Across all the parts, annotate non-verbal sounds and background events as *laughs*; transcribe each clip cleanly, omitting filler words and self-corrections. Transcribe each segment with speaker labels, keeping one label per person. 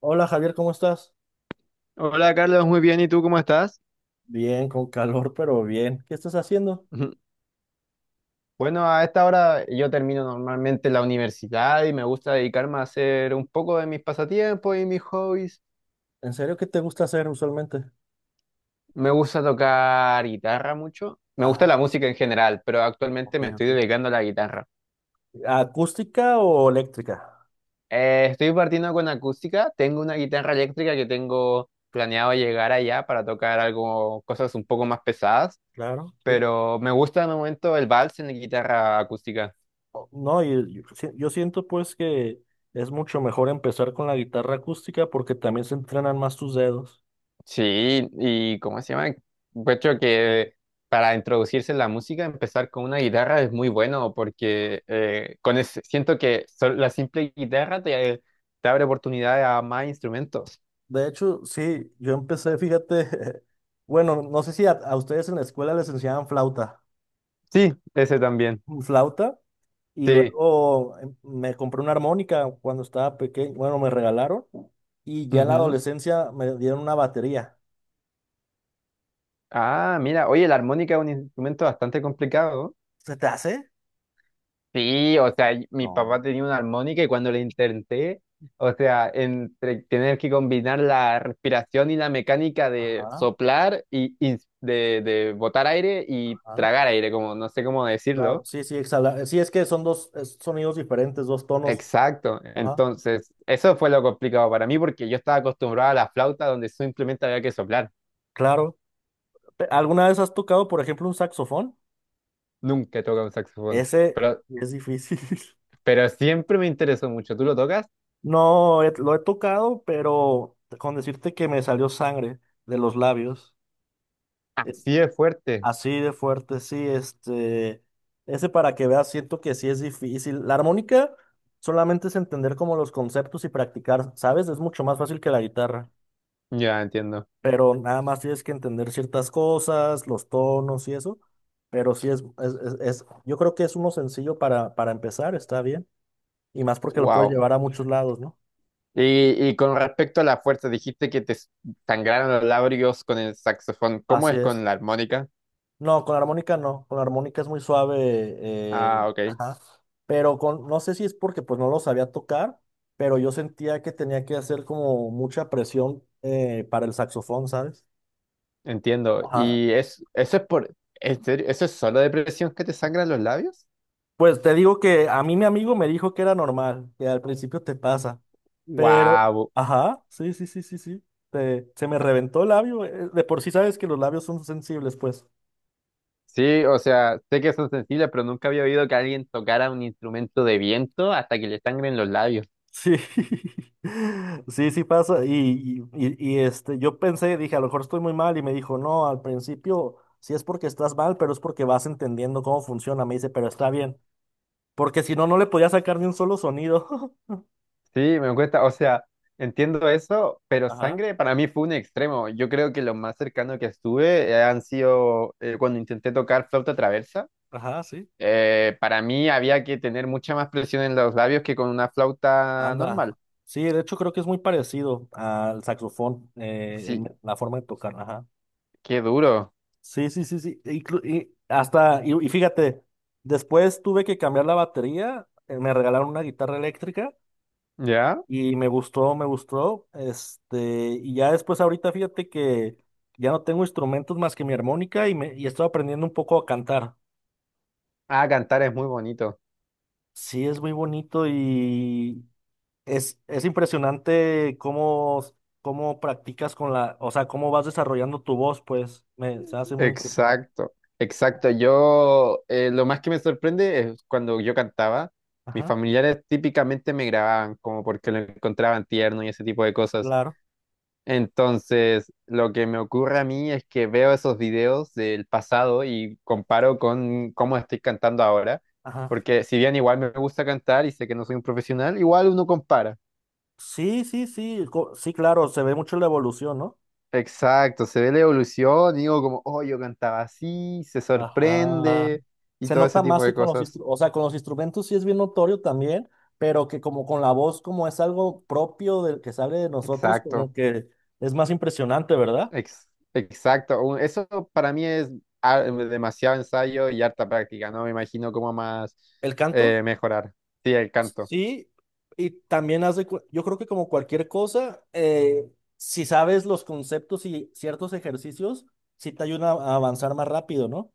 Speaker 1: Hola Javier, ¿cómo estás?
Speaker 2: Hola Carlos, muy bien. ¿Y tú cómo estás?
Speaker 1: Bien, con calor, pero bien. ¿Qué estás haciendo?
Speaker 2: Ujú. Bueno, a esta hora yo termino normalmente la universidad y me gusta dedicarme a hacer un poco de mis pasatiempos y mis hobbies.
Speaker 1: ¿En serio qué te gusta hacer usualmente?
Speaker 2: Me gusta tocar guitarra mucho. Me gusta la
Speaker 1: Ah,
Speaker 2: música en general, pero actualmente
Speaker 1: ok,
Speaker 2: me estoy
Speaker 1: ok.
Speaker 2: dedicando a la guitarra.
Speaker 1: ¿Acústica o eléctrica?
Speaker 2: Estoy partiendo con acústica. Tengo una guitarra eléctrica que tengo planeado llegar allá para tocar algo, cosas un poco más pesadas,
Speaker 1: Claro, sí.
Speaker 2: pero me gusta de momento el vals en la guitarra acústica.
Speaker 1: No, yo, yo siento pues que es mucho mejor empezar con la guitarra acústica porque también se entrenan más tus dedos.
Speaker 2: Sí, ¿y cómo se llama? Encuentro que para introducirse en la música, empezar con una guitarra es muy bueno porque siento que la simple guitarra te, te abre oportunidades a más instrumentos.
Speaker 1: De hecho, sí, yo empecé, fíjate, *laughs* bueno, no sé si a ustedes en la escuela les enseñaban flauta.
Speaker 2: Sí, ese también.
Speaker 1: ¿Flauta? Y
Speaker 2: Sí.
Speaker 1: luego me compré una armónica cuando estaba pequeño, bueno, me regalaron, y ya en la
Speaker 2: Ujú.
Speaker 1: adolescencia me dieron una batería.
Speaker 2: Ah, mira, oye, la armónica es un instrumento bastante complicado.
Speaker 1: ¿Se te hace?
Speaker 2: Sí, o sea, mi papá
Speaker 1: No.
Speaker 2: tenía una armónica y cuando le intenté, o sea, entre tener que combinar la respiración y la mecánica de
Speaker 1: Ajá,
Speaker 2: soplar y de botar aire y
Speaker 1: ajá.
Speaker 2: tragar aire, como no sé cómo
Speaker 1: Claro,
Speaker 2: decirlo.
Speaker 1: sí, sí, exhala. Sí, es que son dos sonidos diferentes, dos tonos.
Speaker 2: Exacto.
Speaker 1: Ajá,
Speaker 2: Entonces, eso fue lo complicado para mí porque yo estaba acostumbrado a la flauta donde simplemente había que soplar.
Speaker 1: claro. ¿Alguna vez has tocado, por ejemplo, un saxofón?
Speaker 2: Nunca he tocado un saxofón.
Speaker 1: Ese
Speaker 2: Pero,
Speaker 1: es difícil. *laughs*
Speaker 2: pero siempre me interesó mucho. ¿Tú lo tocas?
Speaker 1: No, lo he tocado, pero con decirte que me salió sangre de los labios. eh,
Speaker 2: Así es fuerte.
Speaker 1: Así de fuerte, sí, ese para que veas, siento que sí es difícil. La armónica solamente es entender como los conceptos y practicar, ¿sabes? Es mucho más fácil que la guitarra,
Speaker 2: Ya entiendo.
Speaker 1: pero nada más tienes que entender ciertas cosas, los tonos y eso, pero sí yo creo que es uno sencillo para empezar, está bien, y más porque lo puedes
Speaker 2: Wow.
Speaker 1: llevar a muchos lados, ¿no?
Speaker 2: Y con respecto a la fuerza, dijiste que te sangraron los labios con el saxofón. ¿Cómo
Speaker 1: Así
Speaker 2: es con
Speaker 1: es.
Speaker 2: la armónica?
Speaker 1: No, con la armónica no, con la armónica es muy suave,
Speaker 2: Ah, ok,
Speaker 1: ajá, pero con, no sé si es porque pues no lo sabía tocar, pero yo sentía que tenía que hacer como mucha presión para el saxofón, ¿sabes?
Speaker 2: entiendo.
Speaker 1: Ajá.
Speaker 2: ¿Y es, eso es por, en serio, eso es solo depresión que te sangran los labios?
Speaker 1: Pues te digo que a mí mi amigo me dijo que era normal, que al principio te pasa, pero,
Speaker 2: Wow.
Speaker 1: ajá, sí, sí, sí, sí, sí, se me reventó el labio, de por sí sabes que los labios son sensibles, pues.
Speaker 2: Sí, o sea, sé que son sensibles, pero nunca había oído que alguien tocara un instrumento de viento hasta que le sangren los labios.
Speaker 1: Sí, *laughs* sí, sí pasa. Yo pensé, dije, a lo mejor estoy muy mal. Y me dijo, no, al principio sí es porque estás mal, pero es porque vas entendiendo cómo funciona. Me dice, pero está bien. Porque si no, no le podía sacar ni un solo sonido.
Speaker 2: Sí, me cuesta, o sea, entiendo eso,
Speaker 1: *laughs*
Speaker 2: pero
Speaker 1: Ajá,
Speaker 2: sangre para mí fue un extremo. Yo creo que lo más cercano que estuve han sido cuando intenté tocar flauta traversa.
Speaker 1: ajá, sí.
Speaker 2: Para mí había que tener mucha más presión en los labios que con una flauta
Speaker 1: Anda.
Speaker 2: normal.
Speaker 1: Sí, de hecho creo que es muy parecido al saxofón,
Speaker 2: Sí,
Speaker 1: la forma de tocar. Ajá.
Speaker 2: qué duro.
Speaker 1: Sí, sí, sí, sí. Y hasta, y fíjate, después tuve que cambiar la batería, me regalaron una guitarra eléctrica.
Speaker 2: ¿Ya?
Speaker 1: Y me gustó, me gustó. Y ya después ahorita fíjate que ya no tengo instrumentos más que mi armónica y estoy aprendiendo un poco a cantar.
Speaker 2: Ah, cantar es muy bonito.
Speaker 1: Sí, es muy bonito, y es impresionante cómo, cómo practicas con la, o sea, cómo vas desarrollando tu voz, pues me se hace muy impresionante.
Speaker 2: Exacto, exacto. Yo, lo más que me sorprende es cuando yo cantaba, mis
Speaker 1: Ajá,
Speaker 2: familiares típicamente me grababan como porque lo encontraban tierno y ese tipo de cosas.
Speaker 1: claro,
Speaker 2: Entonces, lo que me ocurre a mí es que veo esos videos del pasado y comparo con cómo estoy cantando ahora,
Speaker 1: ajá.
Speaker 2: porque si bien igual me gusta cantar y sé que no soy un profesional, igual uno compara.
Speaker 1: Sí, sí, sí, sí, claro, se ve mucho la evolución, ¿no?
Speaker 2: Exacto, se ve la evolución y digo como, oh, yo cantaba así, se
Speaker 1: Ajá.
Speaker 2: sorprende y
Speaker 1: Se
Speaker 2: todo ese
Speaker 1: nota más
Speaker 2: tipo de
Speaker 1: que con los
Speaker 2: cosas.
Speaker 1: instrumentos, o sea, con los instrumentos sí es bien notorio también, pero que como con la voz, como es algo propio del que sale de nosotros, como
Speaker 2: Exacto,
Speaker 1: que es más impresionante, ¿verdad?
Speaker 2: exacto. Eso para mí es ah, demasiado ensayo y harta práctica, ¿no? Me imagino cómo más
Speaker 1: El canto,
Speaker 2: mejorar. Sí, el canto.
Speaker 1: sí, y también hace, yo creo que como cualquier cosa, si sabes los conceptos y ciertos ejercicios, sí te ayuda a avanzar más rápido, ¿no?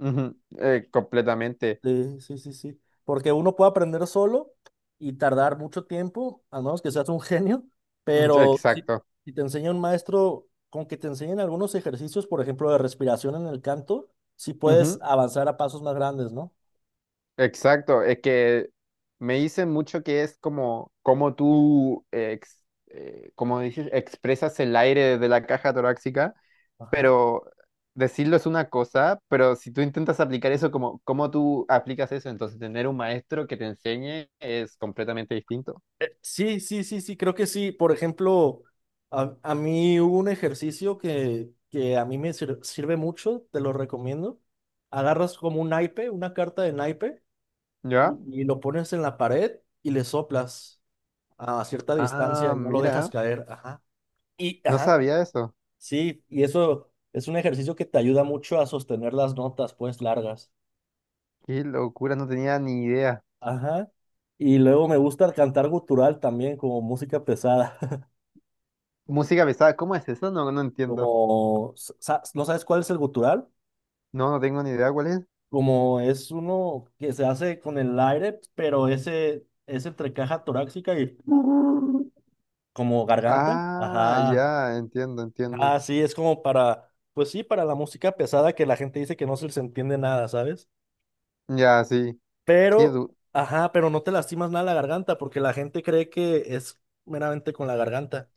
Speaker 2: Ujú, completamente.
Speaker 1: Sí, sí, sí, sí. Porque uno puede aprender solo y tardar mucho tiempo, a menos que seas un genio,
Speaker 2: Mm,
Speaker 1: pero si,
Speaker 2: exacto.
Speaker 1: si te enseña un maestro, con que te enseñen algunos ejercicios, por ejemplo, de respiración en el canto, sí puedes
Speaker 2: Ujú,
Speaker 1: avanzar a pasos más grandes, ¿no?
Speaker 2: exacto. Es que me dicen mucho que es como, como tú, como dices, expresas el aire de la caja torácica,
Speaker 1: Ajá.
Speaker 2: pero decirlo es una cosa, pero si tú intentas aplicar eso, como, ¿cómo tú aplicas eso? Entonces, tener un maestro que te enseñe es completamente distinto.
Speaker 1: Sí, sí, sí, sí, creo que sí. Por ejemplo, a mí hubo un ejercicio que a mí me sirve mucho, te lo recomiendo. Agarras como un naipe, una carta de naipe,
Speaker 2: ¿Ya?
Speaker 1: y lo pones en la pared y le soplas a cierta distancia
Speaker 2: Ah,
Speaker 1: y no lo dejas
Speaker 2: mira.
Speaker 1: caer. Ajá. Y,
Speaker 2: No
Speaker 1: ajá,
Speaker 2: sabía eso.
Speaker 1: sí, y eso es un ejercicio que te ayuda mucho a sostener las notas, pues, largas.
Speaker 2: Qué locura, no tenía ni idea.
Speaker 1: Ajá. Y luego me gusta el cantar gutural también, como música pesada. *laughs*
Speaker 2: Música pesada, ¿cómo es eso? No, no entiendo.
Speaker 1: Como, ¿no sabes cuál es el gutural?
Speaker 2: No, no tengo ni idea cuál es.
Speaker 1: Como es uno que se hace con el aire, pero ese es entre caja torácica y como garganta.
Speaker 2: Ah,
Speaker 1: Ajá.
Speaker 2: ya, entiendo, entiendo.
Speaker 1: Ah, sí, es como para, pues sí, para la música pesada que la gente dice que no se les entiende nada, ¿sabes?
Speaker 2: Ya, sí. Qué
Speaker 1: Pero,
Speaker 2: du-
Speaker 1: ajá, pero no te lastimas nada la garganta porque la gente cree que es meramente con la garganta.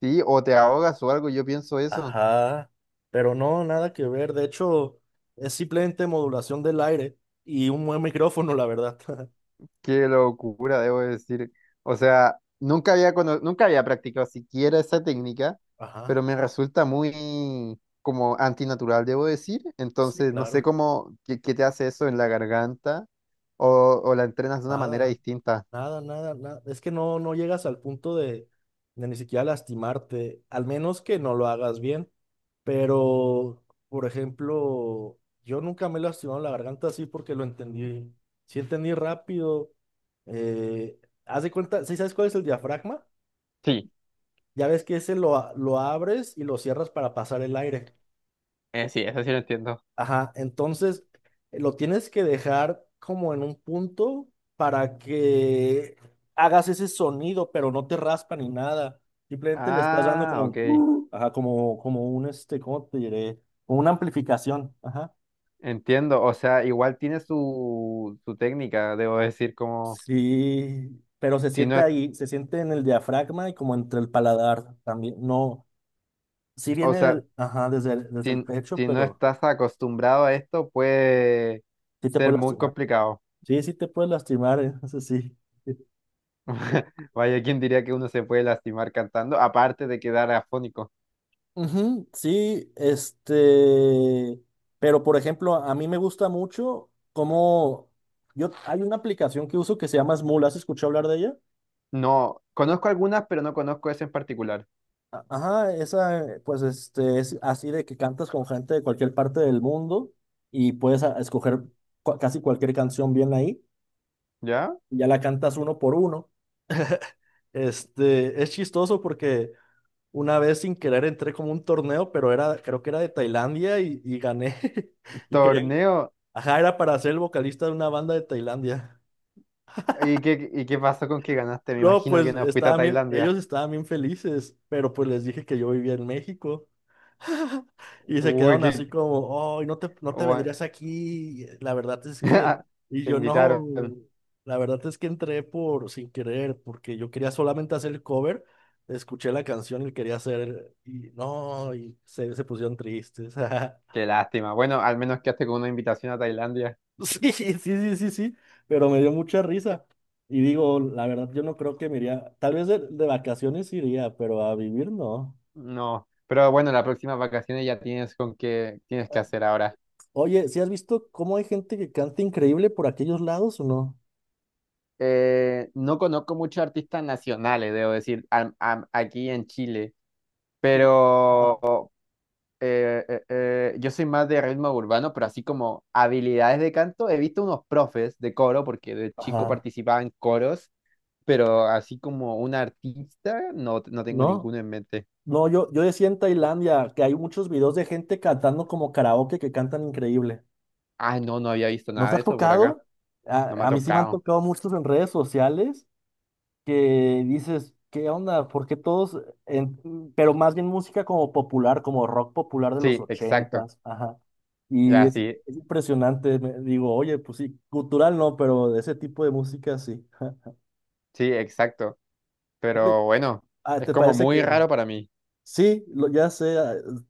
Speaker 2: sí, o te ahogas o algo, yo pienso eso.
Speaker 1: Ajá, pero no, nada que ver. De hecho, es simplemente modulación del aire y un buen micrófono, la verdad. *laughs*
Speaker 2: Qué locura, debo decir. O sea, nunca había practicado siquiera esa técnica,
Speaker 1: Ajá,
Speaker 2: pero me resulta muy como antinatural, debo decir.
Speaker 1: sí,
Speaker 2: Entonces, no sé
Speaker 1: claro.
Speaker 2: cómo, qué, qué te hace eso en la garganta o la entrenas de una manera
Speaker 1: Nada,
Speaker 2: distinta.
Speaker 1: nada, nada. Es que no, no llegas al punto de ni siquiera lastimarte, al menos que no lo hagas bien. Pero, por ejemplo, yo nunca me he lastimado la garganta así porque lo entendí. Sí entendí rápido. Eh, Haz de cuenta, ¿sí sabes cuál es el diafragma?
Speaker 2: Sí,
Speaker 1: Ya ves que ese lo abres y lo cierras para pasar el aire.
Speaker 2: sí, eso sí lo entiendo.
Speaker 1: Ajá, entonces lo tienes que dejar como en un punto para que hagas ese sonido, pero no te raspa ni nada. Simplemente le estás dando
Speaker 2: Ah,
Speaker 1: como,
Speaker 2: ok.
Speaker 1: ajá, como, como un, ¿cómo te diré? Como una amplificación. Ajá.
Speaker 2: Entiendo, o sea, igual tiene su, su técnica, debo decir, como
Speaker 1: Sí, pero se
Speaker 2: si no,
Speaker 1: siente ahí, se siente en el diafragma y como entre el paladar también. No, sí
Speaker 2: o
Speaker 1: viene,
Speaker 2: sea,
Speaker 1: ajá, desde el
Speaker 2: si,
Speaker 1: pecho,
Speaker 2: si no
Speaker 1: pero
Speaker 2: estás acostumbrado a esto, puede
Speaker 1: sí te
Speaker 2: ser
Speaker 1: puede
Speaker 2: muy
Speaker 1: lastimar.
Speaker 2: complicado.
Speaker 1: Sí, sí te puede lastimar, ¿eh? Eso sí.
Speaker 2: *laughs* Vaya, ¿quién diría que uno se puede lastimar cantando? Aparte de quedar afónico.
Speaker 1: Ujú, sí, pero por ejemplo, a mí me gusta mucho cómo yo, hay una aplicación que uso que se llama Smule, ¿has escuchado hablar de ella?
Speaker 2: No, conozco algunas, pero no conozco esa en particular.
Speaker 1: Ajá, esa, pues es así de que cantas con gente de cualquier parte del mundo y puedes escoger casi cualquier canción bien ahí,
Speaker 2: ¿Ya?
Speaker 1: y ya la cantas uno por uno. Este, es chistoso porque una vez sin querer entré como un torneo, pero era, creo que era de Tailandia, y gané. *laughs* Y querían,
Speaker 2: Torneo.
Speaker 1: ajá, era para ser el vocalista de una banda de Tailandia.
Speaker 2: Y qué pasó con que ganaste? Me
Speaker 1: No,
Speaker 2: imagino
Speaker 1: pues
Speaker 2: que no fuiste a
Speaker 1: estaban bien,
Speaker 2: Tailandia.
Speaker 1: ellos estaban bien felices, pero pues les dije que yo vivía en México. *laughs* Y se
Speaker 2: Uy,
Speaker 1: quedaron
Speaker 2: qué...
Speaker 1: así como, ay, no te, no te
Speaker 2: bueno.
Speaker 1: vendrías aquí. La verdad es que,
Speaker 2: *laughs* Te
Speaker 1: yo no,
Speaker 2: invitaron.
Speaker 1: la verdad es que entré por sin querer, porque yo quería solamente hacer el cover, escuché la canción y quería hacer, y no, se pusieron tristes. *laughs*
Speaker 2: Qué lástima. Bueno, al menos quedaste con una invitación a Tailandia.
Speaker 1: Sí, sí, sí, sí, sí, pero me dio mucha risa. Y digo, la verdad, yo no creo que me iría, tal vez de vacaciones iría, pero a vivir no.
Speaker 2: No. Pero bueno, las próximas vacaciones ya tienes con qué tienes que hacer ahora.
Speaker 1: Oye, ¿sí has visto cómo hay gente que canta increíble por aquellos lados o no?
Speaker 2: No conozco muchos artistas nacionales, debo decir, aquí en Chile. Pero yo soy más de ritmo urbano, pero así como habilidades de canto, he visto unos profes de coro, porque de chico
Speaker 1: Ajá.
Speaker 2: participaba en coros, pero así como un artista, no, no tengo
Speaker 1: No,
Speaker 2: ninguno en mente.
Speaker 1: no, yo decía en Tailandia que hay muchos videos de gente cantando como karaoke que cantan increíble.
Speaker 2: Ah, no, no había visto
Speaker 1: ¿No
Speaker 2: nada
Speaker 1: te
Speaker 2: de
Speaker 1: has
Speaker 2: eso por acá.
Speaker 1: tocado?
Speaker 2: No me ha
Speaker 1: A mí sí me han
Speaker 2: tocado.
Speaker 1: tocado muchos en redes sociales que dices, ¿qué onda? ¿Por qué todos? Pero más bien música como popular, como rock popular de los
Speaker 2: Sí, exacto.
Speaker 1: ochentas, ajá. Y
Speaker 2: Ya, sí,
Speaker 1: es impresionante, digo, oye, pues sí, cultural no, pero de ese tipo de música sí. *laughs*
Speaker 2: sí, exacto.
Speaker 1: Uy,
Speaker 2: Pero bueno,
Speaker 1: ah,
Speaker 2: es
Speaker 1: ¿te
Speaker 2: como
Speaker 1: parece
Speaker 2: muy
Speaker 1: que
Speaker 2: raro para mí.
Speaker 1: sí? Lo, ya sé, ah,